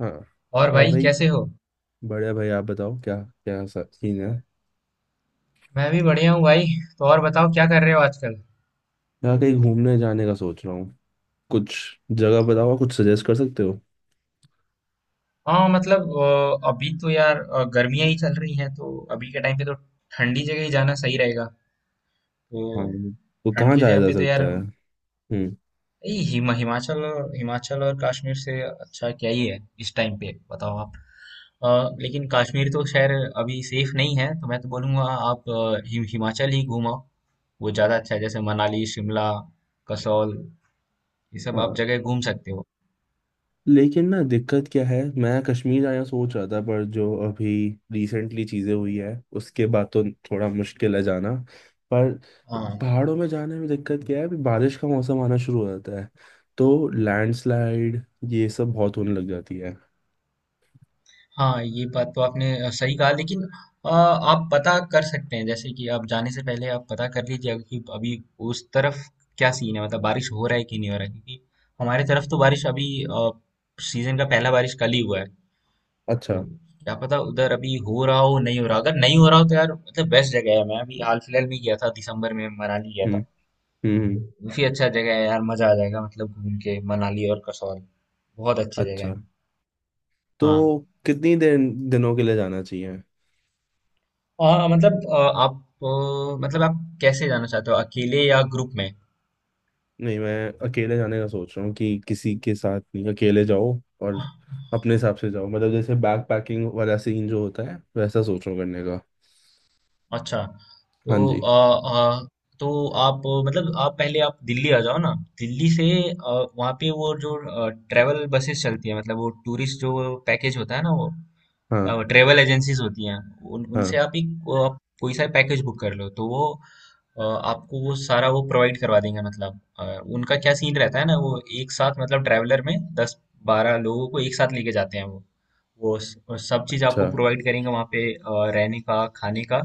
हाँ। और और भाई भाई। कैसे हो। बढ़िया भाई, आप बताओ क्या। क्या सीन है। मैं भी बढ़िया हूँ भाई। तो और बताओ क्या कर रहे हो आजकल। यहाँ कहीं घूमने जाने का सोच रहा हूँ। कुछ जगह बताओ, आप कुछ सजेस्ट कर सकते हो। हाँ, मतलब अभी तो यार गर्मियाँ ही चल रही हैं तो अभी के टाइम पे तो ठंडी जगह ही जाना सही रहेगा, हाँ, तो। तो ठंड कहाँ की जाया जगह जा पे तो सकता यार, है? हम्म। ये हिमाचल और कश्मीर से अच्छा क्या ही है इस टाइम पे, बताओ आप। अ, लेकिन कश्मीर तो खैर अभी सेफ नहीं है, तो मैं तो बोलूँगा आप हिमाचल ही घूमो। वो ज़्यादा अच्छा है, जैसे मनाली, शिमला, कसौल, ये सब आप हाँ। जगह घूम सकते हो। लेकिन ना, दिक्कत क्या है, मैं कश्मीर जाना सोच रहा था पर जो अभी रिसेंटली चीज़ें हुई है उसके बाद तो थोड़ा मुश्किल है जाना। पर हाँ, पहाड़ों में जाने में दिक्कत क्या है, अभी बारिश का मौसम आना शुरू हो जाता है तो लैंडस्लाइड ये सब बहुत होने लग जाती है। हाँ, ये बात तो आपने सही कहा, लेकिन आप पता कर सकते हैं, जैसे कि आप जाने से पहले आप पता कर लीजिए कि अभी उस तरफ क्या सीन है, मतलब बारिश हो रहा है कि नहीं हो रहा है, क्योंकि हमारे तरफ तो बारिश अभी, सीजन का पहला बारिश कल ही हुआ है अच्छा। तो। क्या पता उधर अभी हो रहा हो, नहीं हो रहा, अगर नहीं हो रहा हो तो यार मतलब बेस्ट जगह है, मैं अभी हाल फिलहाल में गया था, दिसंबर में मनाली गया था, हम्म हम्म तो हम्म। काफी अच्छा जगह है यार, मजा आ जाएगा, मतलब घूम के, मनाली और कसौल बहुत अच्छी जगह है। अच्छा, हाँ। तो कितनी दिनों के लिए जाना चाहिए? आ, मतलब आ, आप आ, मतलब आप कैसे जाना चाहते हो, अकेले या ग्रुप में। नहीं, मैं अकेले जाने का सोच रहा हूँ कि किसी के साथ नहीं, अकेले जाओ और अपने हिसाब से जाओ। मतलब जैसे बैक पैकिंग वाला सीन जो होता है वैसा सोच रहा हूँ करने का। अच्छा। तो हाँ जी। आ, आ, तो आप, मतलब आप पहले आप दिल्ली आ जाओ ना। दिल्ली से, वहाँ पे वो जो ट्रेवल बसेस चलती है, मतलब वो टूरिस्ट जो पैकेज होता है ना वो, क्या हाँ वो ट्रेवल एजेंसीज होती हैं। उन उनसे हाँ। आप कोई सा पैकेज बुक कर लो तो वो, अ, आपको वो सारा वो प्रोवाइड करवा देंगे, मतलब। उनका क्या सीन रहता है ना, वो एक साथ, मतलब ट्रैवलर में 10-12 लोगों को एक साथ लेके जाते हैं, वो सब चीज अच्छा। आपको प्रोवाइड करेंगे वहाँ पे, रहने का, खाने का,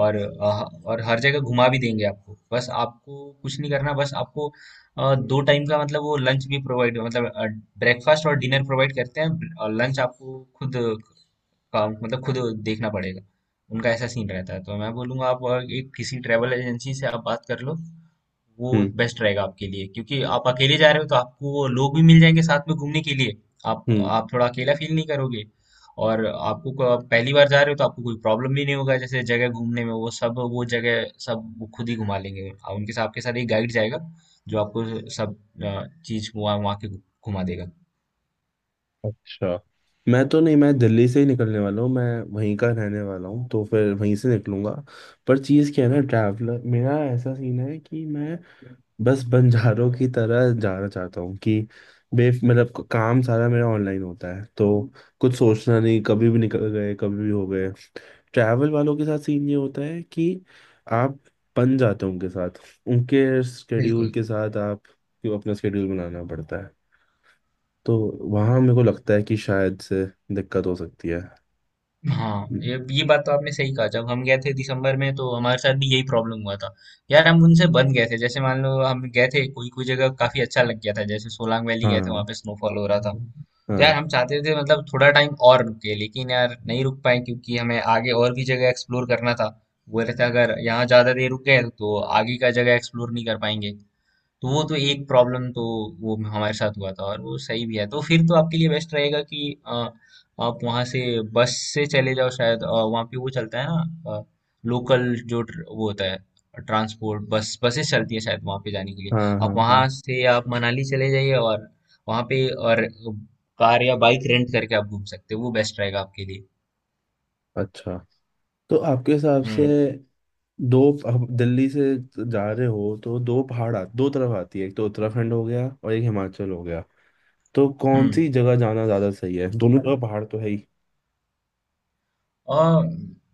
और अ, और हर जगह घुमा भी देंगे आपको। बस आपको कुछ नहीं करना, बस आपको दो टाइम का, मतलब वो लंच भी प्रोवाइड, मतलब ब्रेकफास्ट और डिनर प्रोवाइड करते हैं, और लंच आपको खुद काम, मतलब खुद देखना पड़ेगा। उनका ऐसा सीन रहता है, तो मैं बोलूँगा आप और एक किसी ट्रैवल एजेंसी से आप बात कर लो, वो हम्म। बेस्ट रहेगा आपके लिए, क्योंकि आप अकेले जा रहे हो तो आपको वो लोग भी मिल जाएंगे साथ में घूमने के लिए, आप हम्म। आप थोड़ा अकेला फील नहीं करोगे। और आप पहली बार जा रहे हो तो आपको कोई प्रॉब्लम भी नहीं होगा, जैसे जगह घूमने में, वो सब, वो जगह सब वो खुद ही घुमा लेंगे, आप उनके साथ, आपके साथ एक गाइड जाएगा जो आपको सब चीज़ वहाँ वहाँ के घुमा देगा। अच्छा। मैं तो नहीं, मैं दिल्ली से ही निकलने वाला हूँ, मैं वहीं का रहने वाला हूँ तो फिर वहीं से निकलूंगा। पर चीज़ क्या है ना, ट्रैवलर मेरा ऐसा सीन है कि मैं बस बंजारों की तरह जाना चाहता हूँ कि बे मतलब काम सारा मेरा ऑनलाइन होता है तो कुछ सोचना नहीं, कभी भी निकल गए कभी भी हो गए। ट्रैवल वालों के साथ सीन ये होता है कि आप बन जाते हो उनके साथ, उनके स्केड्यूल बिल्कुल। के साथ आप क्यों अपना स्केड्यूल बनाना पड़ता है। तो वहाँ मेरे को लगता है कि शायद से दिक्कत हो सकती है। हाँ, हम्म। ये बात तो आपने सही कहा, जब हम गए थे दिसंबर में तो हमारे साथ भी यही प्रॉब्लम हुआ था। यार, हम उनसे बन गए थे, जैसे मान लो हम गए थे, कोई कोई जगह काफी अच्छा लग गया था, जैसे सोलांग वैली गए थे, वहां हाँ पे स्नोफॉल हो रहा था। तो यार हाँ हम चाहते थे, मतलब थोड़ा टाइम और रुके, लेकिन यार नहीं रुक पाए क्योंकि हमें आगे और भी जगह एक्सप्लोर करना था, बोल रहे थे अगर यहाँ ज्यादा देर रुक गए तो आगे का जगह एक्सप्लोर नहीं कर पाएंगे। तो वो तो एक प्रॉब्लम, तो वो हमारे साथ हुआ था और वो सही भी है। तो फिर तो आपके लिए बेस्ट रहेगा कि अ, आप वहाँ से बस से चले जाओ, शायद वहाँ पे वो चलता है ना, लोकल वो होता है, ट्रांसपोर्ट, बस बसेस चलती है शायद वहाँ पे जाने के लिए। हाँ हाँ आप वहाँ हाँ। से आप मनाली चले जाइए, और वहाँ पे और कार या बाइक रेंट करके आप घूम सकते हो, वो बेस्ट रहेगा आपके लिए। अच्छा, तो आपके हिसाब से हम्म, दो अब दिल्ली से जा रहे हो तो दो तरफ आती है, एक तो उत्तराखंड हो गया और एक हिमाचल हो गया। तो कौन हम्म। सी जगह जाना ज्यादा सही है, दोनों जगह पहाड़ तो है ही। और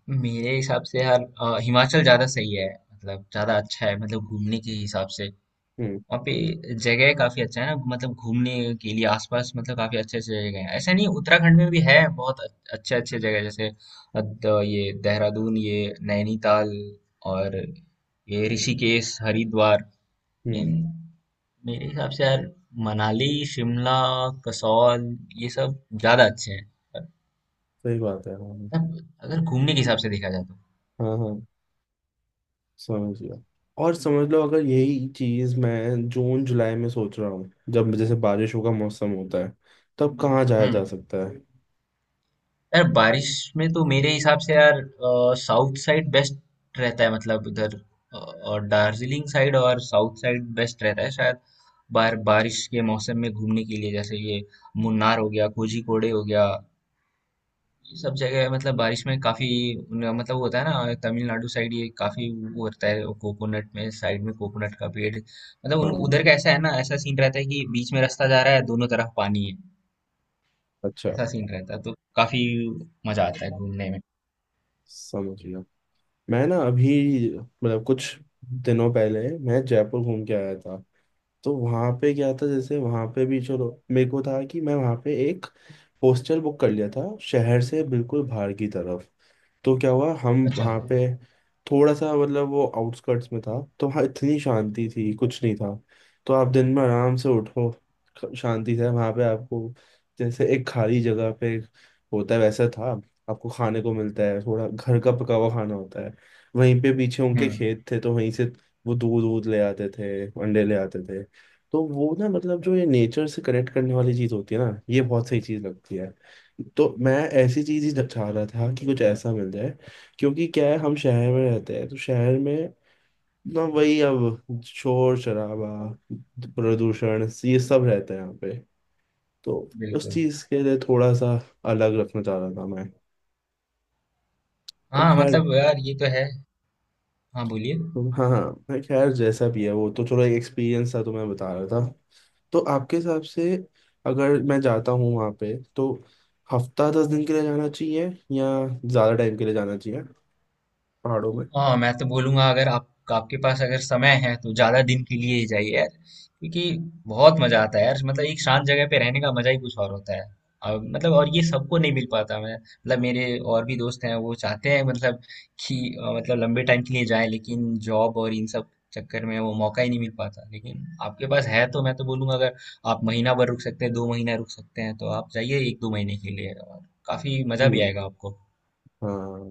मेरे हिसाब से यार, हिमाचल ज्यादा सही है, मतलब ज्यादा अच्छा है मतलब घूमने के हिसाब से। हम्म। वहाँ पे जगह काफी अच्छा है ना, मतलब घूमने के लिए आसपास, मतलब काफी अच्छे अच्छे जगह हैं, ऐसा नहीं उत्तराखंड में भी है बहुत अच्छे अच्छे जगह, जैसे ये देहरादून, ये नैनीताल, और ये ऋषिकेश, हरिद्वार, इन, हम्म। मेरे हिसाब से यार मनाली, शिमला, कसौल, ये सब ज्यादा अच्छे हैं, सही बात है, हाँ। मतलब अगर घूमने के हिसाब से देखा जाए तो। हाँ हाँ, समझ गया। और समझ लो, अगर यही चीज मैं जून जुलाई में सोच रहा हूँ जब जैसे बारिशों का मौसम होता है, तब कहाँ जाया जा हम्म। सकता है? यार, बारिश में तो मेरे हिसाब से यार साउथ साइड बेस्ट रहता है, मतलब उधर, और दार्जिलिंग साइड और साउथ साइड बेस्ट रहता है शायद बारिश के मौसम में घूमने के लिए, जैसे ये मुन्नार हो गया, कोझीकोडे हो गया, ये सब जगह, मतलब बारिश में काफी मतलब वो होता है ना, तमिलनाडु साइड ये काफी वो रहता है, कोकोनट में साइड में कोकोनट का पेड़, मतलब उन हाँ। उधर का ऐसा है ना, ऐसा सीन रहता है कि बीच में रास्ता जा रहा है, दोनों तरफ पानी है, अच्छा। ऐसा सीन रहता है तो काफी मजा आता है घूमने में। समझ गया। मैं ना अभी मतलब कुछ दिनों पहले मैं जयपुर घूम के आया था। तो वहां पे क्या था, जैसे वहां पे भी चलो मेरे को था कि मैं वहां पे एक हॉस्टल बुक कर लिया था शहर से बिल्कुल बाहर की तरफ। तो क्या हुआ, हम अच्छा। वहाँ पे थोड़ा सा मतलब वो आउटस्कर्ट्स में था तो वहाँ इतनी शांति थी कुछ नहीं था। तो आप दिन में आराम से उठो, शांति से वहाँ पे आपको जैसे एक खाली जगह पे होता है वैसा था। आपको खाने को मिलता है, थोड़ा घर का पका हुआ खाना होता है। वहीं पे पीछे हुँ। उनके खेत थे तो वहीं से वो दूध दूध ले आते थे अंडे ले आते थे। तो वो ना मतलब जो ये नेचर से कनेक्ट करने वाली चीज़ होती है ना, ये बहुत सही चीज़ लगती है। तो मैं ऐसी चीज ही चाह रहा था कि कुछ ऐसा मिल जाए। क्योंकि क्या है, हम शहर में रहते हैं तो शहर में ना वही अब शोर शराबा प्रदूषण ये सब रहता है यहाँ पे। तो उस बिल्कुल। चीज के लिए थोड़ा सा अलग रखना चाह रहा था मैं। पर हाँ, खैर। मतलब यार ये तो है। हाँ, बोलिए। तो हाँ हाँ, मैं खैर जैसा भी है वो तो चलो एक एक्सपीरियंस था, तो मैं बता रहा था। तो आपके हिसाब से अगर मैं जाता हूँ वहाँ पे तो हफ्ता 10 दिन के लिए जाना चाहिए या ज़्यादा टाइम के लिए जाना चाहिए, पहाड़ों हाँ, मैं तो बोलूंगा, अगर आप आपके पास अगर समय है तो ज्यादा दिन के लिए ही जाइए यार, क्योंकि बहुत मजा आता है यार, मतलब एक शांत जगह पे रहने का मजा ही कुछ और होता है, और ये सबको नहीं मिल पाता, मैं मतलब मेरे और भी दोस्त हैं वो चाहते हैं मतलब कि मतलब लंबे टाइम के लिए जाए, लेकिन जॉब और इन सब चक्कर में वो मौका ही नहीं मिल पाता, लेकिन आपके पास है तो मैं तो बोलूंगा अगर आप महीना भर रुक सकते हैं, 2 महीना रुक सकते हैं, तो आप जाइए एक दो महीने के लिए, और काफी मजा भी में? आएगा आपको। हाँ।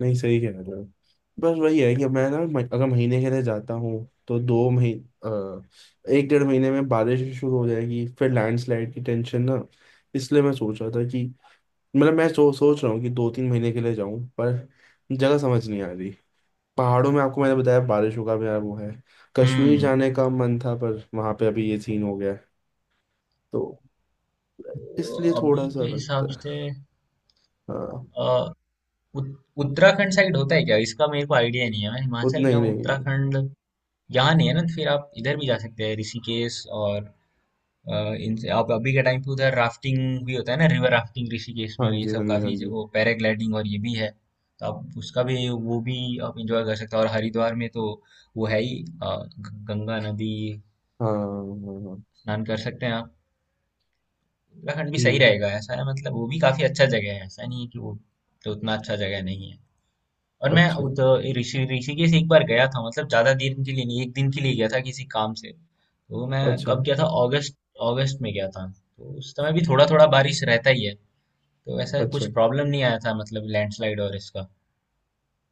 नहीं, सही कह रहे हो। बस वही है कि मैं ना अगर महीने के लिए जाता हूँ तो 2 महीने 1-1.5 महीने में बारिश भी शुरू हो जाएगी, फिर लैंडस्लाइड की टेंशन ना। इसलिए मैं सोच रहा था कि मतलब मैं सोच रहा हूँ कि 2-3 महीने के लिए जाऊँ, पर जगह समझ नहीं आ रही। पहाड़ों में आपको मैंने बताया बारिशों का भी यार वो है। कश्मीर हम्म। जाने का मन था पर वहाँ पे अभी ये सीन हो गया है। तो इसलिए थोड़ा अभी सा के हिसाब लगता है। से, हाँ। अ, उत- उत्तराखंड साइड होता है क्या, इसका मेरे को आइडिया नहीं है, मैं हिमाचल उतना गया ही हूँ, नहीं। उत्तराखंड यहाँ नहीं है ना, तो फिर आप इधर भी जा सकते हैं ऋषिकेश और अ, इनसे। आप अभी के टाइम पे उधर राफ्टिंग भी होता है ना, रिवर राफ्टिंग ऋषिकेश में हाँ ये जी हाँ सब जी हाँ काफी जो- जी। वो पैराग्लाइडिंग और ये भी है, तो आप उसका भी वो भी आप इंजॉय कर सकते हैं, और हरिद्वार में तो वो है ही गंगा नदी, हाँ हाँ हाँ हाँ, स्नान कर सकते हैं आप। उत्तराखंड भी सही ठीक। रहेगा, ऐसा है मतलब वो भी काफी अच्छा जगह है, ऐसा नहीं है कि वो तो उतना अच्छा जगह नहीं है, और मैं अच्छा। ऋषिकेश एक बार गया था, मतलब ज्यादा दिन के लिए नहीं, एक दिन के लिए गया था किसी काम से, तो मैं अच्छा। कब गया था, अगस्त, अगस्त में गया था, तो उस समय भी थोड़ा थोड़ा बारिश रहता ही है, तो ऐसा अच्छा। कुछ प्रॉब्लम नहीं आया था, मतलब लैंडस्लाइड और इसका।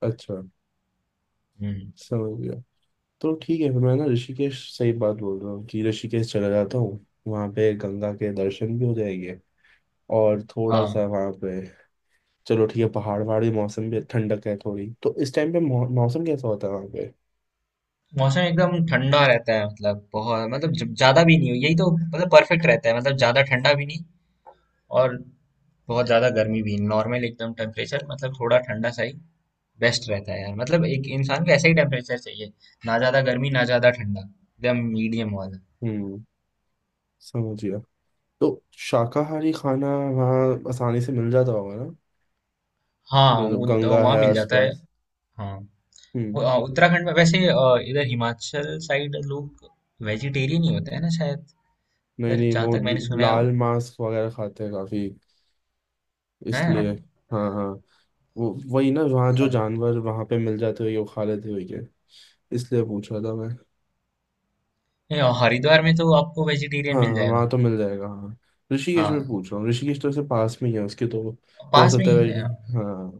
अच्छा। हम्म। समझ गया। तो ठीक है, फिर मैं ना ऋषिकेश, सही बात बोल रहा हूँ कि ऋषिकेश चला जाता हूँ, वहाँ पे गंगा के दर्शन भी हो जाएंगे और थोड़ा हाँ, सा वहाँ पे चलो ठीक है, पहाड़ वहाड़ भी, मौसम भी ठंडक है थोड़ी, तो इस टाइम पे मौसम कैसा होता है वहाँ पे? मौसम एकदम ठंडा रहता है, मतलब बहुत, मतलब ज्यादा भी नहीं, यही तो मतलब परफेक्ट रहता है, मतलब ज्यादा ठंडा भी नहीं और बहुत ज़्यादा गर्मी भी, नॉर्मल एकदम टेम्परेचर, मतलब थोड़ा ठंडा सा ही बेस्ट रहता है यार, मतलब एक इंसान को ऐसा ही टेम्परेचर चाहिए, ना ज़्यादा गर्मी ना ज़्यादा ठंडा, एकदम मीडियम वाला। हम्म। समझ गया। तो शाकाहारी खाना वहाँ आसानी से मिल जाता होगा ना? हाँ, मतलब वो तो गंगा वहाँ है मिल जाता है। आसपास। हाँ, हम्म। उत्तराखंड में वैसे, इधर हिमाचल साइड लोग वेजिटेरियन ही होते हैं ना शायद, नहीं इधर नहीं, जहाँ वो तक मैंने सुना है, लाल मांस वगैरह खाते हैं काफी, इसलिए। हैं। हाँ हाँ, वो वही ना वहाँ जो अच्छा। जानवर वहाँ पे मिल जाते हुए वो खा लेते हुए क्या, इसलिए पूछ रहा था मैं। नहीं, और हरिद्वार में तो आपको वेजिटेरियन हाँ मिल वहाँ जाएगा। तो मिल जाएगा, हाँ। ऋषिकेश में हाँ, पूछ रहा हूँ, ऋषिकेश तो ऐसे पास में ही है उसके तो, हो पास में सकता है ही है। हाँ,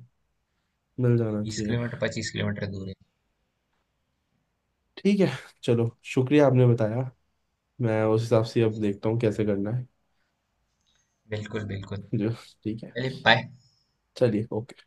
मिल जाना बीस चाहिए। किलोमीटर 25 किलोमीटर दूर है। ठीक है। चलो, शुक्रिया आपने बताया। मैं उस हिसाब से अब देखता हूँ कैसे करना है। बिल्कुल, बिल्कुल। जो। ठीक है। चलिए, बाय। चलिए। ओके।